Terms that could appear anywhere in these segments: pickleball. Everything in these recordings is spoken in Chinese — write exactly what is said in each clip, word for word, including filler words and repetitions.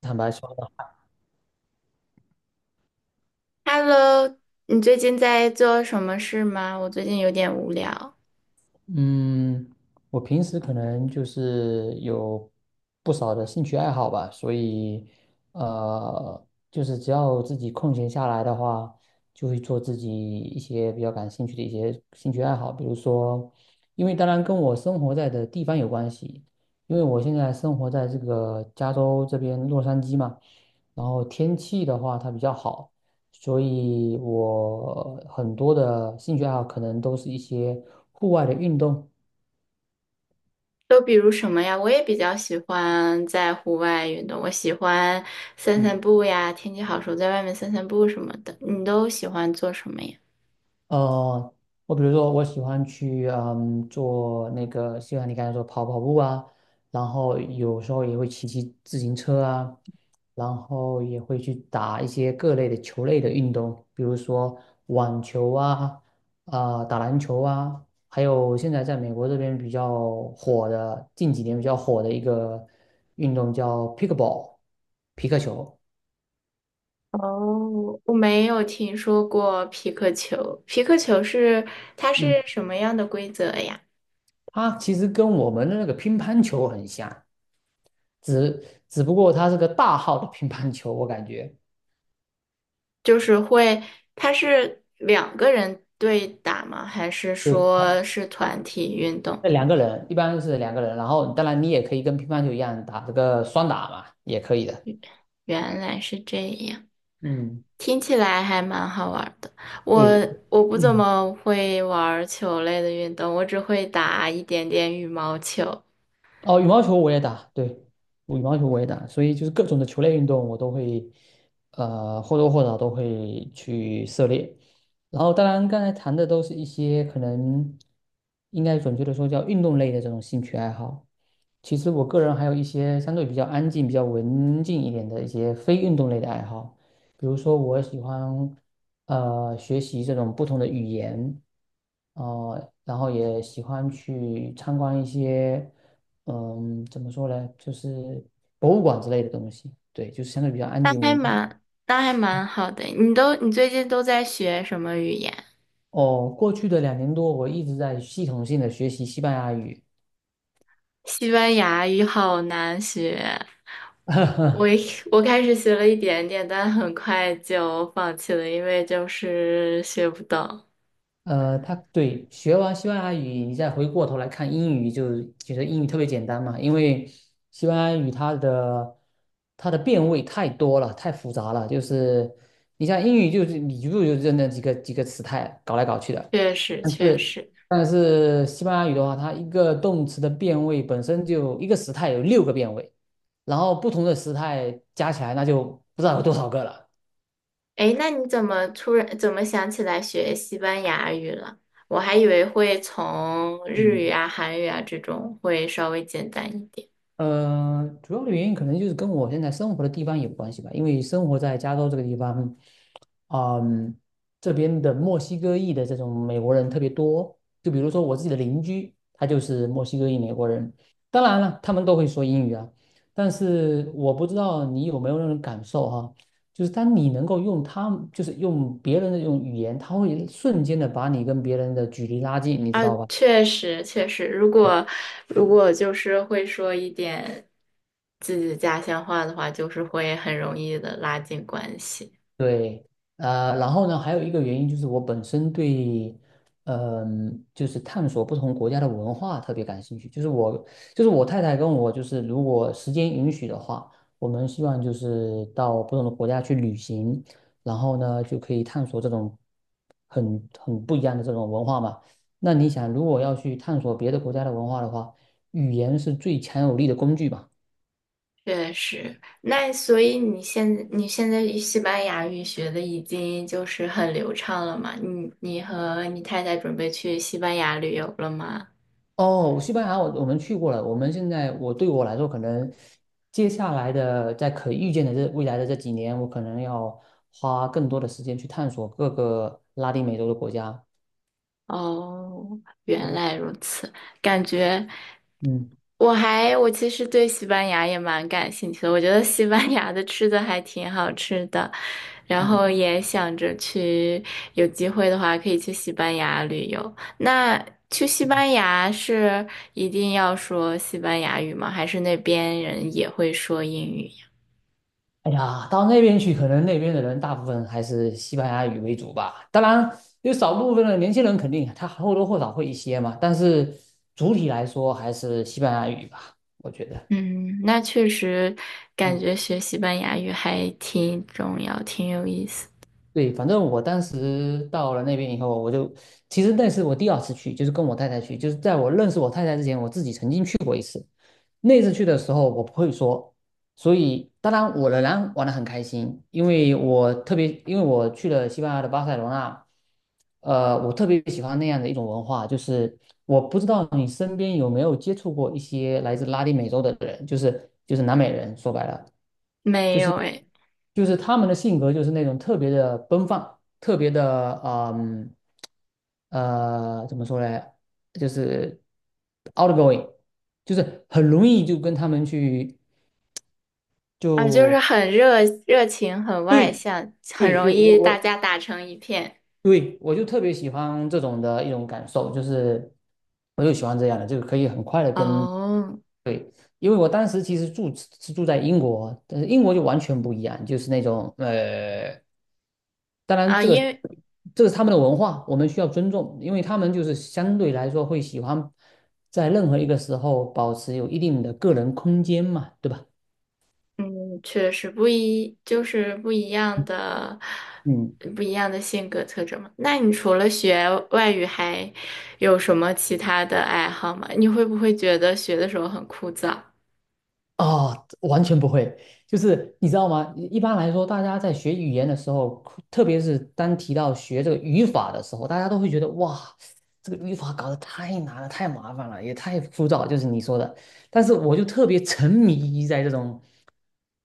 坦白说吧，Hello,你最近在做什么事吗？我最近有点无聊。嗯，我平时可能就是有不少的兴趣爱好吧，所以呃，就是只要自己空闲下来的话，就会做自己一些比较感兴趣的一些兴趣爱好，比如说，因为当然跟我生活在的地方有关系，因为我现在生活在这个加州这边洛杉矶嘛，然后天气的话它比较好。所以我很多的兴趣爱好可能都是一些户外的运动。都比如什么呀？我也比较喜欢在户外运动，我喜欢散散嗯。步呀，天气好时候在外面散散步什么的。你都喜欢做什么呀？呃，我比如说，我喜欢去嗯做那个，就像你刚才说跑跑步啊，然后有时候也会骑骑自行车啊，然后也会去打一些各类的球类的运动，比如说网球啊，啊、打篮球啊，还有现在在美国这边比较火的，近几年比较火的一个运动叫 pickleball，皮克球。哦，我没有听说过皮克球。皮克球是，它是嗯，什么样的规则呀？它其实跟我们的那个乒乓球很像。只只不过他是个大号的乒乓球，我感觉。就是会，它是两个人对打吗？还是对，他，说是团他体运动？那两个人，一般是两个人，然后当然你也可以跟乒乓球一样打这个双打嘛，也可以的。原来是这样。嗯，听起来还蛮好玩的。我对，我不怎嗯，么会玩球类的运动，我只会打一点点羽毛球。哦，羽毛球我也打，对，羽毛球我也打，所以就是各种的球类运动我都会，呃，或多或少都会去涉猎。然后当然刚才谈的都是一些可能应该准确的说叫运动类的这种兴趣爱好。其实我个人还有一些相对比较安静、比较文静一点的一些非运动类的爱好，比如说我喜欢呃学习这种不同的语言。呃，然后也喜欢去参观一些嗯怎么说呢，就是博物馆之类的东西。对，就是相对比较安那静还文静。蛮那还蛮好的。你都你最近都在学什么语言？哦，过去的两年多，我一直在系统性的学习西班牙语。西班牙语好难学，我 一我开始学了一点点，但很快就放弃了，因为就是学不懂。呃，他对，学完西班牙语，你再回过头来看英语就觉得英语特别简单嘛，因为西班牙语它的它的变位太多了，太复杂了。就是你像英语就是你就就认那几个几个词态搞来搞去的，确实但确是实。但是西班牙语的话，它一个动词的变位本身就一个时态有六个变位，然后不同的时态加起来那就不知道有多少个了。诶，那你怎么突然怎么想起来学西班牙语了？我还以为会从日语嗯。啊、韩语啊这种会稍微简单一点。呃，主要的原因可能就是跟我现在生活的地方有关系吧，因为生活在加州这个地方，嗯，这边的墨西哥裔的这种美国人特别多。就比如说我自己的邻居，他就是墨西哥裔美国人，当然了，他们都会说英语啊。但是我不知道你有没有那种感受哈、就是当你能够用他们，就是用别人的这种语言，他会瞬间的把你跟别人的距离拉近，你啊，知道吧？确实确实，如对，果如嗯。果就是会说一点自己家乡话的话，就是会很容易的拉近关系。对，呃，然后呢，还有一个原因就是我本身对，嗯、就是探索不同国家的文化特别感兴趣。就是我，就是我太太跟我，就是如果时间允许的话，我们希望就是到不同的国家去旅行，然后呢，就可以探索这种很很不一样的这种文化嘛。那你想，如果要去探索别的国家的文化的话，语言是最强有力的工具吧？确实，那所以你现你现在西班牙语学的已经就是很流畅了嘛？你你和你太太准备去西班牙旅游了吗？哦，西班牙我我们去过了。我们现在我对我来说，可能接下来的在可预见的这未来的这几年，我可能要花更多的时间去探索各个拉丁美洲的国家。哦，原对，来如此。感觉嗯我还我其实对西班牙也蛮感兴趣的，我觉得西班牙的吃的还挺好吃的，然嗯，后也想着去，有机会的话可以去西班牙旅游。那去西班牙是一定要说西班牙语吗？还是那边人也会说英语呀？哎呀，到那边去，可能那边的人大部分还是西班牙语为主吧。当然，有少部分的年轻人肯定他或多或少会一些嘛，但是主体来说还是西班牙语吧，我觉得。嗯，那确实感嗯。觉学西班牙语还挺重要，挺有意思。对，反正我当时到了那边以后，我就其实那是我第二次去，就是跟我太太去，就是在我认识我太太之前，我自己曾经去过一次。那次去的时候，我不会说，所以当然我仍然玩得很开心，因为我特别，因为我去了西班牙的巴塞罗那。呃，我特别喜欢那样的一种文化，就是我不知道你身边有没有接触过一些来自拉丁美洲的人，就是就是南美人，说白了。就没是。有诶。就是他们的性格就是那种特别的奔放，特别的嗯呃怎么说呢，就是 outgoing,就是很容易就跟他们去啊，就是就很热热情，很外对，向，很对，容对，就我易大我家打成一片。对，我就特别喜欢这种的一种感受，就是我就喜欢这样的，就可以很快的跟。哦，因为我当时其实住是住在英国，但是英国就完全不一样，就是那种呃当然，啊，这个因为这是他们的文化，我们需要尊重，因为他们就是相对来说会喜欢在任何一个时候保持有一定的个人空间嘛，对吧？嗯，确实不一，就是不一样的，嗯，不一样的性格特征嘛。那你除了学外语，还有什么其他的爱好吗？你会不会觉得学的时候很枯燥？啊，完全不会，就是你知道吗？一般来说，大家在学语言的时候，特别是当提到学这个语法的时候，大家都会觉得哇，这个语法搞得太难了，太麻烦了，也太枯燥，就是你说的。但是我就特别沉迷于在这种，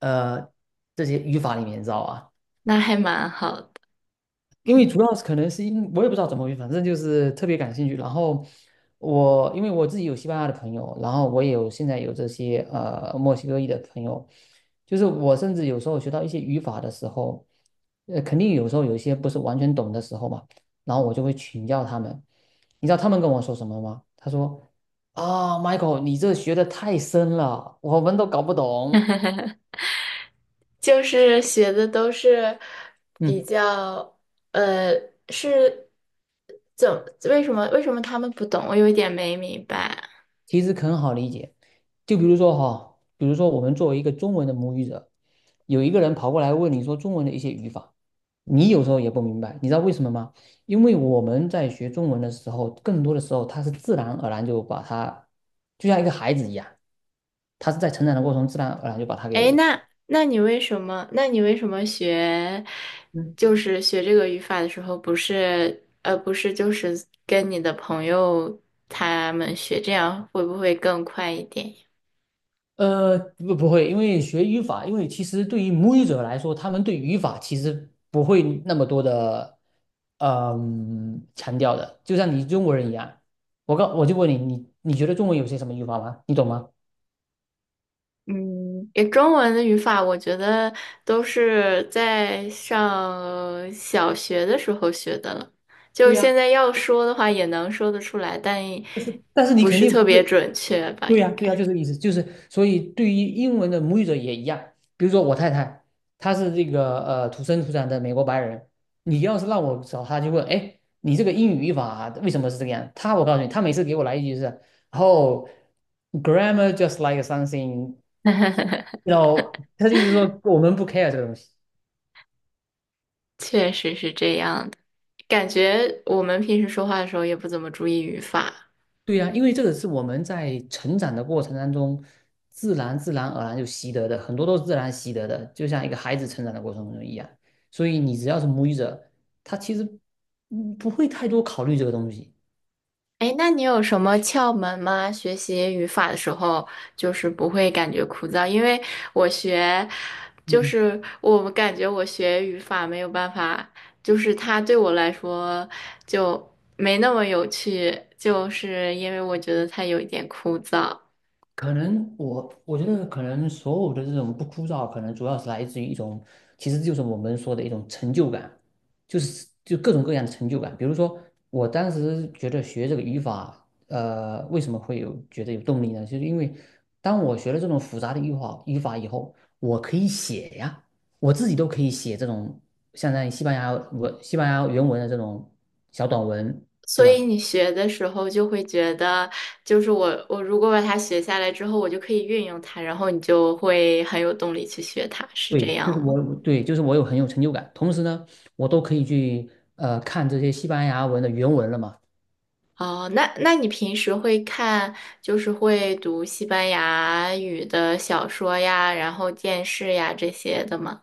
呃，这些语法里面，你知道吧？那还蛮好的。因为主要是可能是因我也不知道怎么回事，反正就是特别感兴趣。然后我因为我自己有西班牙的朋友，然后我也有现在有这些呃墨西哥裔的朋友，就是我甚至有时候学到一些语法的时候，呃，肯定有时候有一些不是完全懂的时候嘛，然后我就会请教他们。你知道他们跟我说什么吗？他说：“啊，Michael,你这学的太深了，我们都搞不懂。”就是学的都是比嗯。较，呃，是怎么为什么为什么他们不懂？我有一点没明白。其实很好理解。就比如说哈，比如说我们作为一个中文的母语者，有一个人跑过来问你说中文的一些语法，你有时候也不明白，你知道为什么吗？因为我们在学中文的时候，更多的时候它是自然而然就把它，就像一个孩子一样，他是在成长的过程中自然而然就把它哎，给那那你为什么？那你为什么学就是学这个语法的时候，不是呃不是就是跟你的朋友他们学，这样会不会更快一点呀？呃，不，不会，因为学语法，因为其实对于母语者来说，他们对语法其实不会那么多的嗯、强调的。就像你中国人一样，我告我就问你，你你觉得中文有些什么语法吗？你懂吗？嗯，也中文的语法，我觉得都是在上小学的时候学的了。就对现呀，在要说的话，也能说得出来，但但是但是你不肯是定特不别是，准确吧？对应呀，对该呀，就是这个意思，就是所以对于英文的母语者也一样。比如说我太太，她是这个呃土生土长的美国白人，你要是让我找她就问，哎，你这个英语语法为什么是这个样？她，我告诉你，她每次给我来一句是，o h g r a m m a r just like something,然后她的意思说我们不 care 这个东西。确实是这样的。感觉我们平时说话的时候也不怎么注意语法。对呀，因为这个是我们在成长的过程当中，自然自然而然就习得的，很多都是自然习得的，就像一个孩子成长的过程中一样。所以你只要是母语者，他其实嗯不会太多考虑这个东西。哎，那你有什么窍门吗？学习语法的时候，就是不会感觉枯燥，因为我学，就嗯。是我感觉我学语法没有办法，就是它对我来说就没那么有趣，就是因为我觉得它有一点枯燥，可能我我觉得可能所有的这种不枯燥，可能主要是来自于一种，其实就是我们说的一种成就感，就是就各种各样的成就感。比如说，我当时觉得学这个语法，呃，为什么会有觉得有动力呢？就是因为当我学了这种复杂的语法语法以后，我可以写呀，我自己都可以写这种相当于西班牙文、西班牙原文的这种小短文，对所吧？以你学的时候就会觉得，就是我我如果把它学下来之后，我就可以运用它，然后你就会很有动力去学它，是对，这就是样吗？我，对，就是我有很有成就感。同时呢，我都可以去呃看这些西班牙文的原文了嘛。哦，那那你平时会看，就是会读西班牙语的小说呀，然后电视呀这些的吗？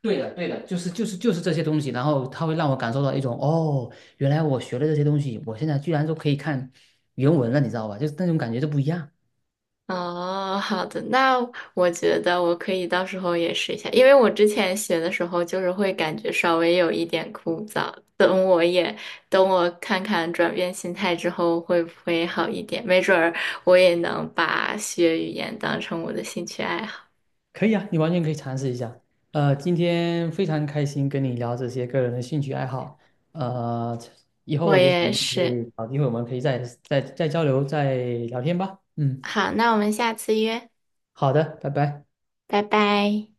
对的，对的，就是就是就是这些东西，然后它会让我感受到一种哦，原来我学了这些东西，我现在居然都可以看原文了，你知道吧？就是那种感觉就不一样。哦，好的，那我觉得我可以到时候也试一下，因为我之前学的时候就是会感觉稍微有一点枯燥，等我也等我看看转变心态之后会不会好一点，没准儿我也能把学语言当成我的兴趣爱好。可以啊，你完全可以尝试一下。呃，今天非常开心跟你聊这些个人的兴趣爱好。呃，以我后也许我也们可是，以找机会，我们可以再再再交流、再聊天吧。嗯，好，那我们下次约，好的，拜拜。拜拜。